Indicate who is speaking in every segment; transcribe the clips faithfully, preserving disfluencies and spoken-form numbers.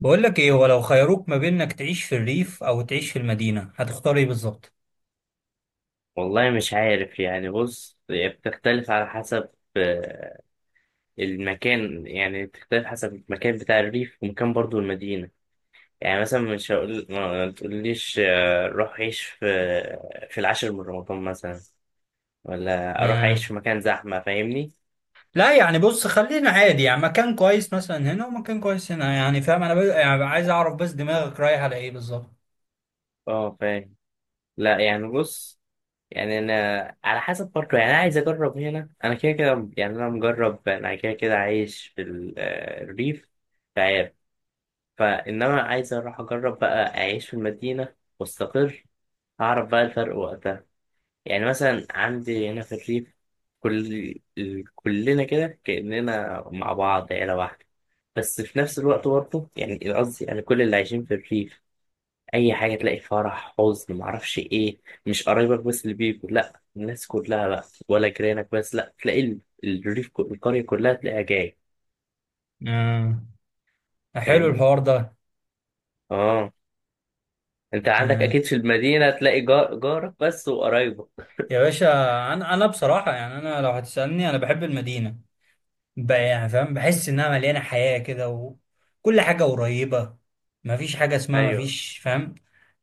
Speaker 1: بقول لك ايه؟ ولو خيروك ما بين انك تعيش في الريف او تعيش في المدينة، هتختار ايه بالظبط؟
Speaker 2: والله مش عارف، يعني بص، هي بتختلف على حسب آه، المكان يعني بتختلف حسب المكان بتاع الريف، ومكان برضو المدينة. يعني مثلا مش هقول ما ما تقوليش آه، روح عيش في في العاشر من رمضان مثلا، ولا أروح
Speaker 1: آه.
Speaker 2: أعيش في مكان زحمة. فاهمني؟
Speaker 1: لا يعني بص، خلينا عادي، يعني مكان كويس مثلا هنا ومكان كويس هنا، يعني فاهم انا ب... يعني عايز اعرف بس دماغك رايح على ايه بالظبط.
Speaker 2: اه، فاهم. لا، يعني بص، يعني أنا على حسب، برضه يعني أنا عايز أجرب. هنا أنا كده كده، يعني أنا مجرب، أنا كده كده عايش في ال- آه، الريف فإنما عايز أروح أجرب بقى أعيش في المدينة وأستقر، أعرف بقى الفرق وقتها. يعني مثلا عندي هنا في الريف، كل ال- كلنا كده كأننا مع بعض عيلة واحدة. بس في نفس الوقت برضه، يعني قصدي، يعني كل اللي عايشين في الريف، أي حاجة تلاقي فرح حزن معرفش إيه، مش قرايبك بس اللي بيجوا، لأ، الناس كلها بقى، ولا جيرانك بس، لأ، تلاقي ال- الريف ك- القرية كلها تلاقيها جاية.
Speaker 1: آه. حلو
Speaker 2: فاهمني؟
Speaker 1: الحوار ده.
Speaker 2: آه. انت عندك
Speaker 1: آه.
Speaker 2: اكيد في المدينه تلاقي جار جارك بس وقرايبك.
Speaker 1: يا باشا، انا انا بصراحة، يعني انا لو هتسألني انا بحب المدينة بقى، يعني فاهم، بحس انها مليانه حياه كده وكل حاجه قريبه، مفيش حاجه اسمها
Speaker 2: ايوه.
Speaker 1: مفيش، فاهم؟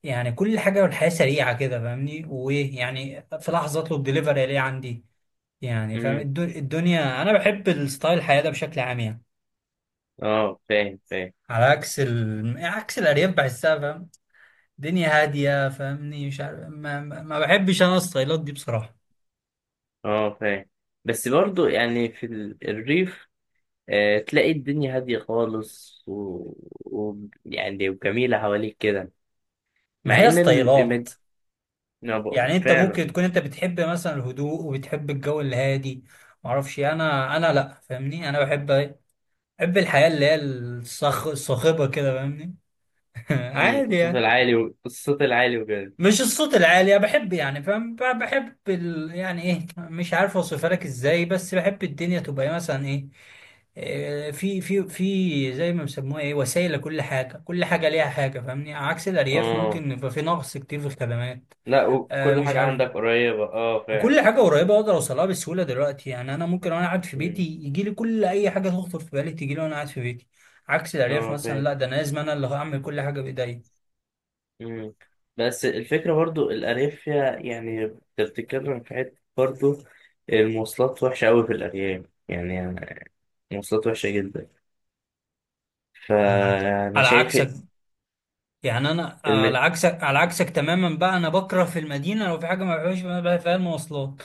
Speaker 1: يعني كل حاجه، والحياه سريعه كده، فاهمني؟ وايه يعني، في لحظه اطلب دليفري الاقيه عندي، يعني فاهم
Speaker 2: امم.
Speaker 1: الدو- الدنيا. انا بحب الستايل الحياه ده بشكل عام يعني.
Speaker 2: اه، فاهم فاهم.
Speaker 1: على عكس ال... عكس الارياف، بحسها فاهم، دنيا هاديه، فاهمني؟ مش عارف، ما, ما ما بحبش انا الستايلات دي بصراحه.
Speaker 2: اه، فاهم. بس برضو يعني في ال- الريف آه تلاقي الدنيا هاديه خالص، و... و... يعني وجميله حواليك كده،
Speaker 1: ما
Speaker 2: مع
Speaker 1: هي
Speaker 2: ان
Speaker 1: ستايلات،
Speaker 2: المد...
Speaker 1: يعني انت ممكن
Speaker 2: فعلا
Speaker 1: تكون انت بتحب مثلا الهدوء وبتحب الجو الهادي، معرفش إيه. انا انا لا، فاهمني، انا بحب ايه؟ بحب الحياة اللي هي الصخ... الصاخبة كده، فاهمني؟
Speaker 2: امم
Speaker 1: عادي
Speaker 2: الصوت
Speaker 1: يعني.
Speaker 2: العالي و... الصوت العالي وكده.
Speaker 1: مش الصوت العالي، أنا بحب يعني فاهم، ب- بحب ال... يعني ايه، مش عارف اوصفها لك ازاي، بس بحب الدنيا تبقى إيه، مثلا ايه، إيه، في في في زي ما بيسموها ايه، وسائل لكل حاجة، كل حاجة ليها حاجة، فاهمني؟ عكس الأرياف
Speaker 2: اه،
Speaker 1: ممكن يبقى في نقص كتير في الخدمات.
Speaker 2: لا،
Speaker 1: آه
Speaker 2: وكل
Speaker 1: مش
Speaker 2: حاجه
Speaker 1: عارف.
Speaker 2: عندك قريبه. اه،
Speaker 1: وكل
Speaker 2: فعلا.
Speaker 1: حاجة قريبة أقدر أوصلها بسهولة دلوقتي، يعني أنا ممكن وأنا قاعد في بيتي
Speaker 2: امم.
Speaker 1: يجي لي كل أي حاجة تخطر في بالي تجي لي وأنا قاعد في بيتي. عكس الأرياف
Speaker 2: اه،
Speaker 1: مثلا،
Speaker 2: فاهم.
Speaker 1: لا ده أنا لازم أنا اللي هعمل كل حاجة بإيديا.
Speaker 2: مم. بس الفكرة برضو الأرياف فيها، يعني بتتكلم في حتة برضو، المواصلات وحشة أوي في الأرياف يعني. المواصلات وحشة جدا.
Speaker 1: أنا معاك.
Speaker 2: فأنا
Speaker 1: على
Speaker 2: شايف
Speaker 1: عكسك، يعني أنا على
Speaker 2: المد
Speaker 1: عكسك، على عكسك تماما بقى، أنا بكره في المدينة لو في حاجة ما بحبهاش بقى فيها، المواصلات،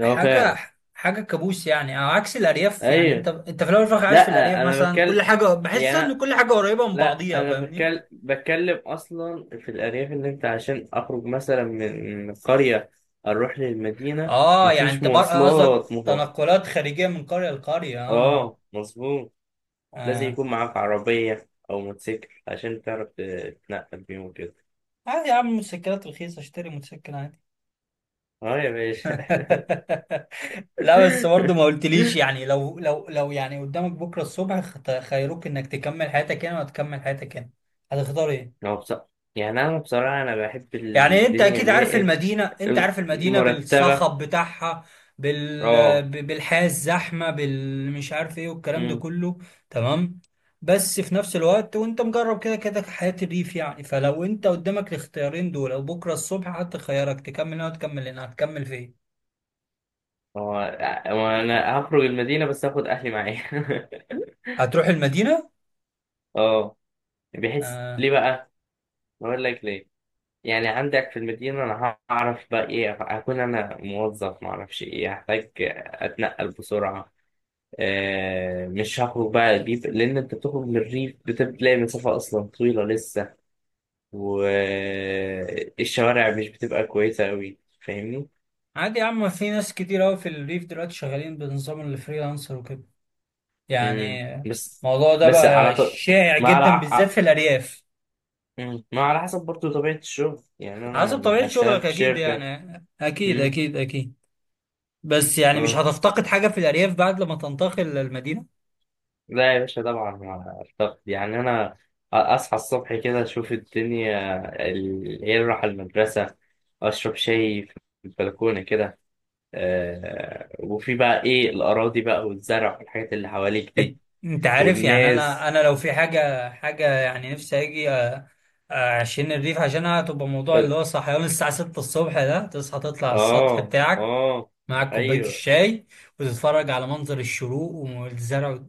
Speaker 2: هو
Speaker 1: حاجة،
Speaker 2: فعلا.
Speaker 1: حاجة كابوس يعني، على عكس الأرياف. يعني
Speaker 2: أيوة.
Speaker 1: أنت أنت في الأول وفي الآخر عايش في الأرياف
Speaker 2: لأ، أنا
Speaker 1: مثلا،
Speaker 2: بتكلم،
Speaker 1: كل حاجة بحس
Speaker 2: يعني أنا-
Speaker 1: إن كل حاجة قريبة من
Speaker 2: لأ
Speaker 1: بعضيها،
Speaker 2: أنا
Speaker 1: فاهمني؟
Speaker 2: بتكلم بتكلم أصلا في الأرياف، إن أنت عشان أخرج مثلا من من القرية أروح للمدينة،
Speaker 1: آه، يعني
Speaker 2: مفيش
Speaker 1: أنت بر- قصدك
Speaker 2: مواصلات مفضلة.
Speaker 1: تنقلات خارجية من قرية لقرية، آه.
Speaker 2: آه، مظبوط. لازم
Speaker 1: آه.
Speaker 2: يكون معاك عربية أو موتوسيكل عشان تعرف تتنقل بيهم وكده.
Speaker 1: عادي يا عم، الموتوسيكلات رخيصة، اشتري موتوسيكل عادي.
Speaker 2: اه، يا باشا.
Speaker 1: لا بس برضه ما قلتليش، يعني لو لو لو يعني قدامك بكرة الصبح، خت- خيروك انك تكمل حياتك هنا ولا تكمل حياتك هنا، هتختار ايه؟
Speaker 2: هو بص، يعني أنا بصراحة أنا بحب
Speaker 1: يعني انت
Speaker 2: الدنيا
Speaker 1: اكيد
Speaker 2: اللي هي
Speaker 1: عارف
Speaker 2: إيه،
Speaker 1: المدينه، انت
Speaker 2: م-
Speaker 1: عارف المدينه
Speaker 2: مرتبة.
Speaker 1: بالصخب بتاعها، بال
Speaker 2: اه.
Speaker 1: ب- بالحياه الزحمه، بالمش عارف ايه، والكلام ده
Speaker 2: أمم.
Speaker 1: كله. تمام. بس في نفس الوقت وانت مجرب كده كده حياه الريف يعني، فلو انت قدامك الاختيارين دول، او بكره الصبح حتى خيارك تكمل هنا وتكمل هنا، هتكمل فين؟
Speaker 2: هو هو أنا هخرج المدينة بس هاخد أهلي معايا.
Speaker 1: هتروح المدينه.
Speaker 2: اه. بحس
Speaker 1: آه.
Speaker 2: ليه بقى؟ أقول لك ليه. يعني عندك في المدينة، أنا هعرف بقى إيه، هكون أنا موظف معرفش إيه، هحتاج أتنقل بسرعة. آه، مش هخرج بقى الريف، لأن أنت بتخرج للريف بتلاقي مسافة أصلا طويلة لسه، والشوارع مش بتبقى كويسة أوي. فاهمني؟
Speaker 1: عادي يا عم، في ناس كتير قوي في الريف دلوقتي شغالين بنظام الفريلانسر وكده،
Speaker 2: مم.
Speaker 1: يعني
Speaker 2: بس
Speaker 1: الموضوع ده
Speaker 2: بس على
Speaker 1: بقى
Speaker 2: ط...
Speaker 1: شائع
Speaker 2: ما على
Speaker 1: جدا بالذات
Speaker 2: ع-
Speaker 1: في الارياف.
Speaker 2: مم. ما على حسب برضه طبيعة الشغل. يعني
Speaker 1: حسب طبيعة
Speaker 2: أنا أشتغل
Speaker 1: شغلك
Speaker 2: في
Speaker 1: أكيد
Speaker 2: شركة.
Speaker 1: يعني، أكيد
Speaker 2: مم.
Speaker 1: أكيد أكيد. بس يعني مش
Speaker 2: آه.
Speaker 1: هتفتقد حاجة في الأرياف بعد لما تنتقل للمدينة؟
Speaker 2: لا يا باشا، طبعا، مع الضغط يعني، أنا أصحى الصبح كده أشوف الدنيا، ال- إيه أروح المدرسة، أشرب شاي في البلكونة كده. آه وفي بقى ايه، الاراضي بقى والزرع والحاجات اللي حواليك
Speaker 1: أنت،
Speaker 2: دي،
Speaker 1: أنت عارف يعني، أنا
Speaker 2: والناس.
Speaker 1: أنا لو في حاجة، حاجة يعني نفسي أجي أ- أعشين الريف عشانها، هتبقى موضوع
Speaker 2: اه.
Speaker 1: اللي هو صحيان الساعة ستة الصبح ده، تصحى تطلع على السطح
Speaker 2: اه.
Speaker 1: بتاعك،
Speaker 2: آه.
Speaker 1: معاك كوباية
Speaker 2: ايوه.
Speaker 1: الشاي، وتتفرج على منظر الشروق والزرع،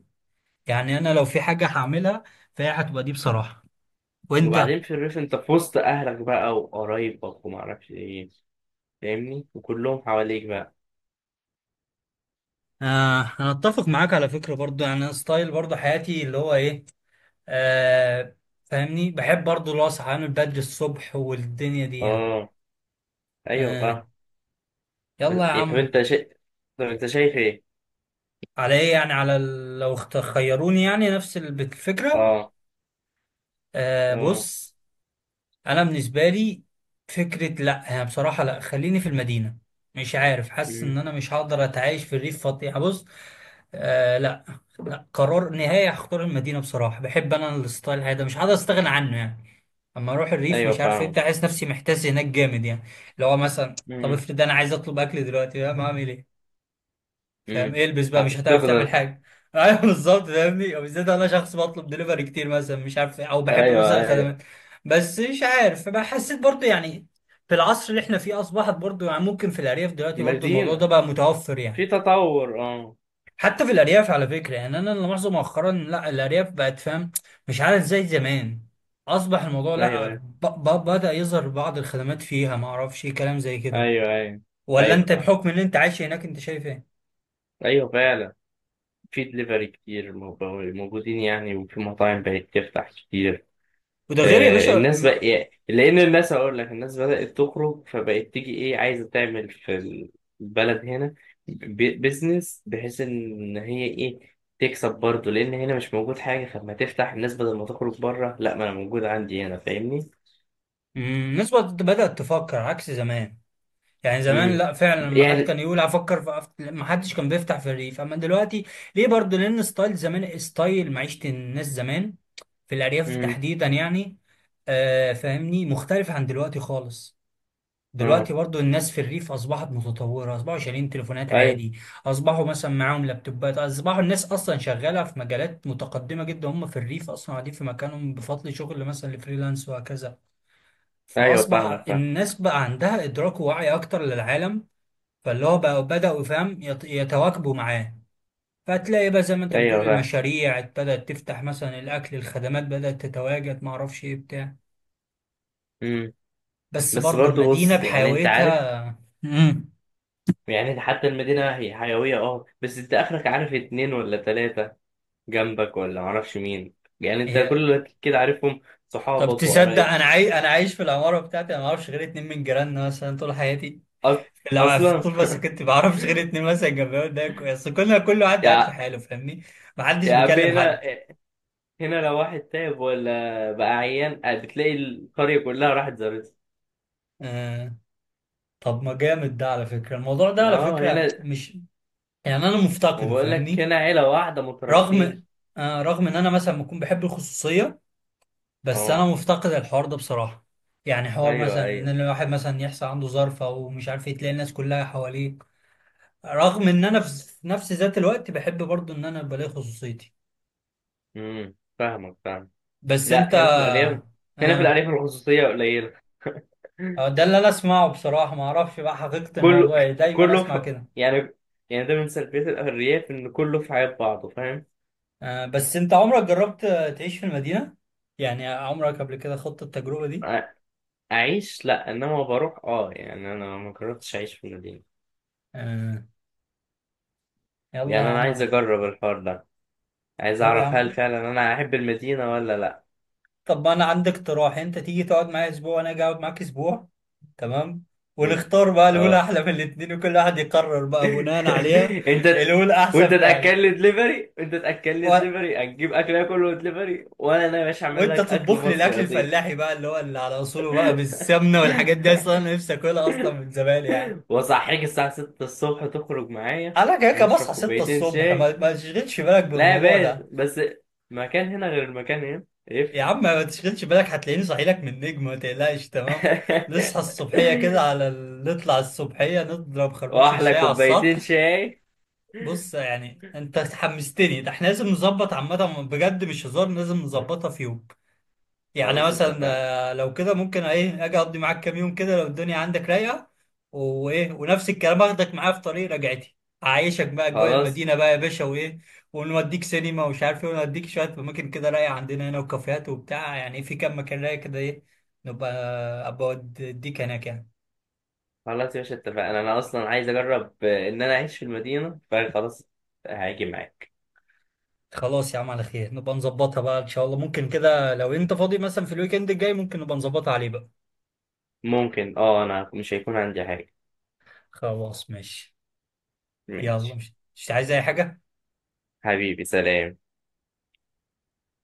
Speaker 1: يعني أنا لو في حاجة هعملها فهي هتبقى دي بصراحة. وأنت
Speaker 2: وبعدين في الريف انت في وسط اهلك بقى وقرايبك وما اعرفش ايه، فاهمني، وكلهم حواليك بقى.
Speaker 1: آه، أنا أتفق معاك على فكرة برضو، يعني أنا ستايل برضو حياتي اللي هو إيه، آه، فاهمني، بحب برضو اللي هو صحيان بدري الصبح والدنيا دي يعني.
Speaker 2: اه، ايوه
Speaker 1: آه.
Speaker 2: فاهم. بس-
Speaker 1: يلا يا
Speaker 2: إيه، طب
Speaker 1: عم.
Speaker 2: انت شا... طب انت شايف ايه؟
Speaker 1: على ايه يعني، على ال- لو اخت- خيروني يعني، نفس الب- الفكرة.
Speaker 2: اه.
Speaker 1: آه
Speaker 2: اه.
Speaker 1: بص، انا بالنسبة لي فكرة، لا يعني بصراحة لا، خليني في المدينة، مش عارف، حاسس ان
Speaker 2: أمم.
Speaker 1: انا مش هقدر اتعايش في الريف فاضي يعني، بص. آه لا، لا قرار نهائي، هختار المدينة بصراحة، بحب انا الستايل هذا، مش هقدر استغنى عنه يعني. اما اروح الريف
Speaker 2: ايوه
Speaker 1: مش عارف ايه
Speaker 2: فاهم.
Speaker 1: بتاع، احس نفسي محتاس هناك جامد يعني، اللي هو مثلا، طب
Speaker 2: أمم.
Speaker 1: افرض انا عايز اطلب اكل دلوقتي، فاهم اعمل ايه؟ فاهم
Speaker 2: أمم.
Speaker 1: إيه البس بقى، مش
Speaker 2: هتفتقد
Speaker 1: هتعرف تعمل
Speaker 2: الح-
Speaker 1: حاجه. ايوه بالظبط، فاهمني؟ او بالذات انا شخص بطلب دليفري كتير مثلا، مش عارف إيه، او بحب
Speaker 2: ايوه
Speaker 1: مثلا
Speaker 2: ايوه.
Speaker 1: الخدمات. بس مش عارف بقى، حسيت برضه يعني في العصر اللي احنا فيه اصبحت برضه يعني، ممكن في الارياف دلوقتي برضه الموضوع ده
Speaker 2: مدينة
Speaker 1: بقى متوفر
Speaker 2: في
Speaker 1: يعني.
Speaker 2: تطور، اه.
Speaker 1: حتى في الأرياف على فكرة يعني، أنا اللي ملاحظه مؤخرا، لا، الأرياف بقت فاهم، مش عارف زي زمان، أصبح الموضوع
Speaker 2: ايوه
Speaker 1: لا،
Speaker 2: ايوه
Speaker 1: ب ب بدأ يظهر بعض الخدمات فيها، ما أعرفش إيه كلام زي كده.
Speaker 2: ايوه ايوه.
Speaker 1: ولا
Speaker 2: ايوه
Speaker 1: أنت
Speaker 2: فاهم.
Speaker 1: بحكم إن أنت عايش هناك أنت شايف إيه؟
Speaker 2: ايوه فعلا. في دليفري كتير موجو- موجودين يعني، وفي مطاعم بقت تفتح كتير.
Speaker 1: وده غير يا
Speaker 2: آه
Speaker 1: باشا
Speaker 2: الناس بقى
Speaker 1: ما-
Speaker 2: يعني، لان الناس هقول لك الناس بدأت تخرج، فبقت تيجي ايه عايزه تعمل في البلد هنا ب- بيزنس، بحيث ان هي ايه تكسب برضه، لان هنا مش موجود حاجه، فلما تفتح الناس بدل ما تخرج بره، لا، ما انا موجود عندي هنا. فاهمني؟
Speaker 1: مم، الناس بقت- بدأت تفكر عكس زمان. يعني زمان
Speaker 2: امم.
Speaker 1: لا فعلا لما حد
Speaker 2: يعني.
Speaker 1: كان يقول هفكر في أف- ما حدش كان بيفتح في الريف، اما دلوقتي. ليه برضه؟ لان ستايل زمان، ستايل معيشة الناس زمان في الارياف
Speaker 2: امم.
Speaker 1: تحديدا يعني، آه فاهمني، مختلف عن دلوقتي خالص. دلوقتي
Speaker 2: اه،
Speaker 1: برضو الناس في الريف اصبحت متطوره، اصبحوا شايلين تليفونات
Speaker 2: ايوه
Speaker 1: عادي، اصبحوا مثلا معاهم لابتوبات، اصبحوا الناس اصلا شغاله في مجالات متقدمه جدا، هم في الريف اصلا قاعدين في مكانهم بفضل شغل مثلا الفريلانس وهكذا،
Speaker 2: ايوه فاهمك
Speaker 1: فاصبح
Speaker 2: فاهم.
Speaker 1: الناس بقى عندها ادراك ووعي اكتر للعالم. فاللي هو بقى بدأوا فاهم يت- يتواكبوا معاه. فتلاقي بقى زي ما انت بتقول،
Speaker 2: ايوه فاهم.
Speaker 1: المشاريع بدأت تفتح، مثلا الأكل، الخدمات بدأت تتواجد، ما اعرفش ايه بتاع.
Speaker 2: امم.
Speaker 1: بس
Speaker 2: بس
Speaker 1: برضو
Speaker 2: برضه
Speaker 1: المدينة
Speaker 2: بص، يعني انت عارف،
Speaker 1: بحيويتها. امم
Speaker 2: يعني حتى المدينة هي حيوية، اه بس انت اخرك عارف اتنين ولا تلاتة جنبك، ولا معرفش مين. يعني انت كل
Speaker 1: هي.
Speaker 2: اللي كده عارفهم
Speaker 1: طب
Speaker 2: صحابك
Speaker 1: تصدق،
Speaker 2: وقرايب.
Speaker 1: انا عاي... انا عايش في العمارة بتاعتي، انا ما اعرفش غير اتنين من جيراننا مثلا طول حياتي،
Speaker 2: أص...
Speaker 1: لا
Speaker 2: اصلا.
Speaker 1: طول ما سكنت ما اعرفش غير اتنين مثلا جنبي، وده كويس، كلنا كل واحد قاعد في
Speaker 2: يا
Speaker 1: حاله فاهمني؟ ما حدش
Speaker 2: يا عم
Speaker 1: بيكلم
Speaker 2: هنا
Speaker 1: حد.
Speaker 2: هنا لو واحد تعب ولا بقى عيان، آه، بتلاقي القرية كلها راحت زارتها.
Speaker 1: آه... طب ما جامد ده على فكرة، الموضوع ده على
Speaker 2: اه،
Speaker 1: فكرة
Speaker 2: هنا.
Speaker 1: مش يعني انا
Speaker 2: ما
Speaker 1: مفتقده،
Speaker 2: بقول لك
Speaker 1: فاهمني؟
Speaker 2: هنا عيلة واحدة مترابطين.
Speaker 1: رغم آه، رغم ان انا مثلا بكون بحب الخصوصيه، بس انا
Speaker 2: اه،
Speaker 1: مفتقد الحوار ده بصراحه، يعني حوار
Speaker 2: ايوه
Speaker 1: مثلا ان
Speaker 2: ايوه.
Speaker 1: الواحد مثلا يحصل عنده ظرف او مش عارف ايه، تلاقي الناس كلها حواليك، رغم ان انا في نفس ذات الوقت بحب برضو ان انا بلاقي خصوصيتي.
Speaker 2: امم، فاهمك فاهم.
Speaker 1: بس
Speaker 2: لا،
Speaker 1: انت
Speaker 2: هنا في الأرياف، هنا في
Speaker 1: اه
Speaker 2: الأرياف الخصوصية قليلة.
Speaker 1: آه، ده اللي انا اسمعه بصراحه، ما اعرفش بقى حقيقه
Speaker 2: كله
Speaker 1: الموضوع ايه، دايما
Speaker 2: كله
Speaker 1: اسمع
Speaker 2: في
Speaker 1: كده.
Speaker 2: يعني يعني ده من سلبيات الأرياف، إن كله في حياة بعضه. فاهم؟
Speaker 1: آه بس انت عمرك جربت آه، تعيش في المدينه؟ يعني عمرك قبل كده خضت التجربه دي؟
Speaker 2: أ- أعيش لأ، إنما بروح. أه يعني أنا ما جربتش أعيش في المدينة.
Speaker 1: آه. يلا يا
Speaker 2: يعني أنا
Speaker 1: عم
Speaker 2: عايز
Speaker 1: على.
Speaker 2: أجرب الحوار ده، عايز
Speaker 1: طب يا
Speaker 2: أعرف هل
Speaker 1: عم،
Speaker 2: فعلا أنا أحب المدينة ولا لأ.
Speaker 1: طب ما انا عندي اقتراح، انت تيجي تقعد معايا اسبوع وانا اجي اقعد معاك اسبوع، تمام؟ ونختار بقى الاولى
Speaker 2: أه.
Speaker 1: احلى من الاتنين، وكل واحد يقرر بقى بناء عليها.
Speaker 2: أنت
Speaker 1: الاولى
Speaker 2: وأنت
Speaker 1: احسن فعلا.
Speaker 2: تأكل لي دليفري، أنت تأكل لي
Speaker 1: و...
Speaker 2: دليفري هتجيب أكل آكله دليفري، وأنا يا باشا أعمل
Speaker 1: وانت
Speaker 2: لك أكل
Speaker 1: تطبخ لي
Speaker 2: مصري
Speaker 1: الاكل
Speaker 2: أصيل.
Speaker 1: الفلاحي بقى اللي هو اللي على اصوله بقى، بالسمنه والحاجات دي، اصلا انا نفسي اكلها اصلا من زمان يعني.
Speaker 2: وأصحيك الساعة ستة الصبح تخرج معايا،
Speaker 1: انا كده كده
Speaker 2: نشرب
Speaker 1: بصحى ستة
Speaker 2: كوبايتين
Speaker 1: الصبح،
Speaker 2: شاي.
Speaker 1: ما, ما تشغلش بالك
Speaker 2: لا يا
Speaker 1: بالموضوع
Speaker 2: باشا،
Speaker 1: ده.
Speaker 2: بس مكان هنا غير المكان هنا
Speaker 1: يا
Speaker 2: يفرق.
Speaker 1: عم ما تشغلش بالك، هتلاقيني صاحي لك من النجم، ما تقلقش، تمام. نصحى الصبحيه كده على ال- نطلع الصبحيه نضرب خربوش
Speaker 2: واحلى
Speaker 1: الشاي على
Speaker 2: كوبايتين
Speaker 1: السطح.
Speaker 2: شاي.
Speaker 1: بص يعني انت حمستني، ده احنا لازم نظبط عامة بجد، مش هزار، لازم نظبطها في يوم. يعني
Speaker 2: خلاص،
Speaker 1: مثلا
Speaker 2: اتفقنا.
Speaker 1: آه، لو كده ممكن ايه اجي اقضي معاك كام يوم كده لو الدنيا عندك رايقة، وايه، ونفس الكلام اخدك معايا في طريق رجعتي، اعيشك بقى اجواء
Speaker 2: خلاص
Speaker 1: المدينة بقى يا باشا، وايه، ونوديك سينما ومش عارف ايه، ونوديك شوية اماكن كده رايقة عندنا هنا، وكافيهات وبتاع، يعني في كام مكان رايق كده ايه، نبقى آه، ابقى اوديك هناك يعني.
Speaker 2: خلاص يا باشا، اتفقنا. انا اصلا عايز اجرب آه، ان انا اعيش في المدينه، فخلاص هاجي معاك.
Speaker 1: خلاص يا عم على خير، نبقى نظبطها بقى ان شاء الله، ممكن كده لو انت فاضي مثلا في الويك اند الجاي ممكن نبقى نظبطها عليه بقى.
Speaker 2: ممكن، اه، انا مش هيكون عندي حاجه.
Speaker 1: خلاص ماشي. يلا،
Speaker 2: ماشي.
Speaker 1: مش مش عايز اي حاجة.
Speaker 2: حبيبي، سلام.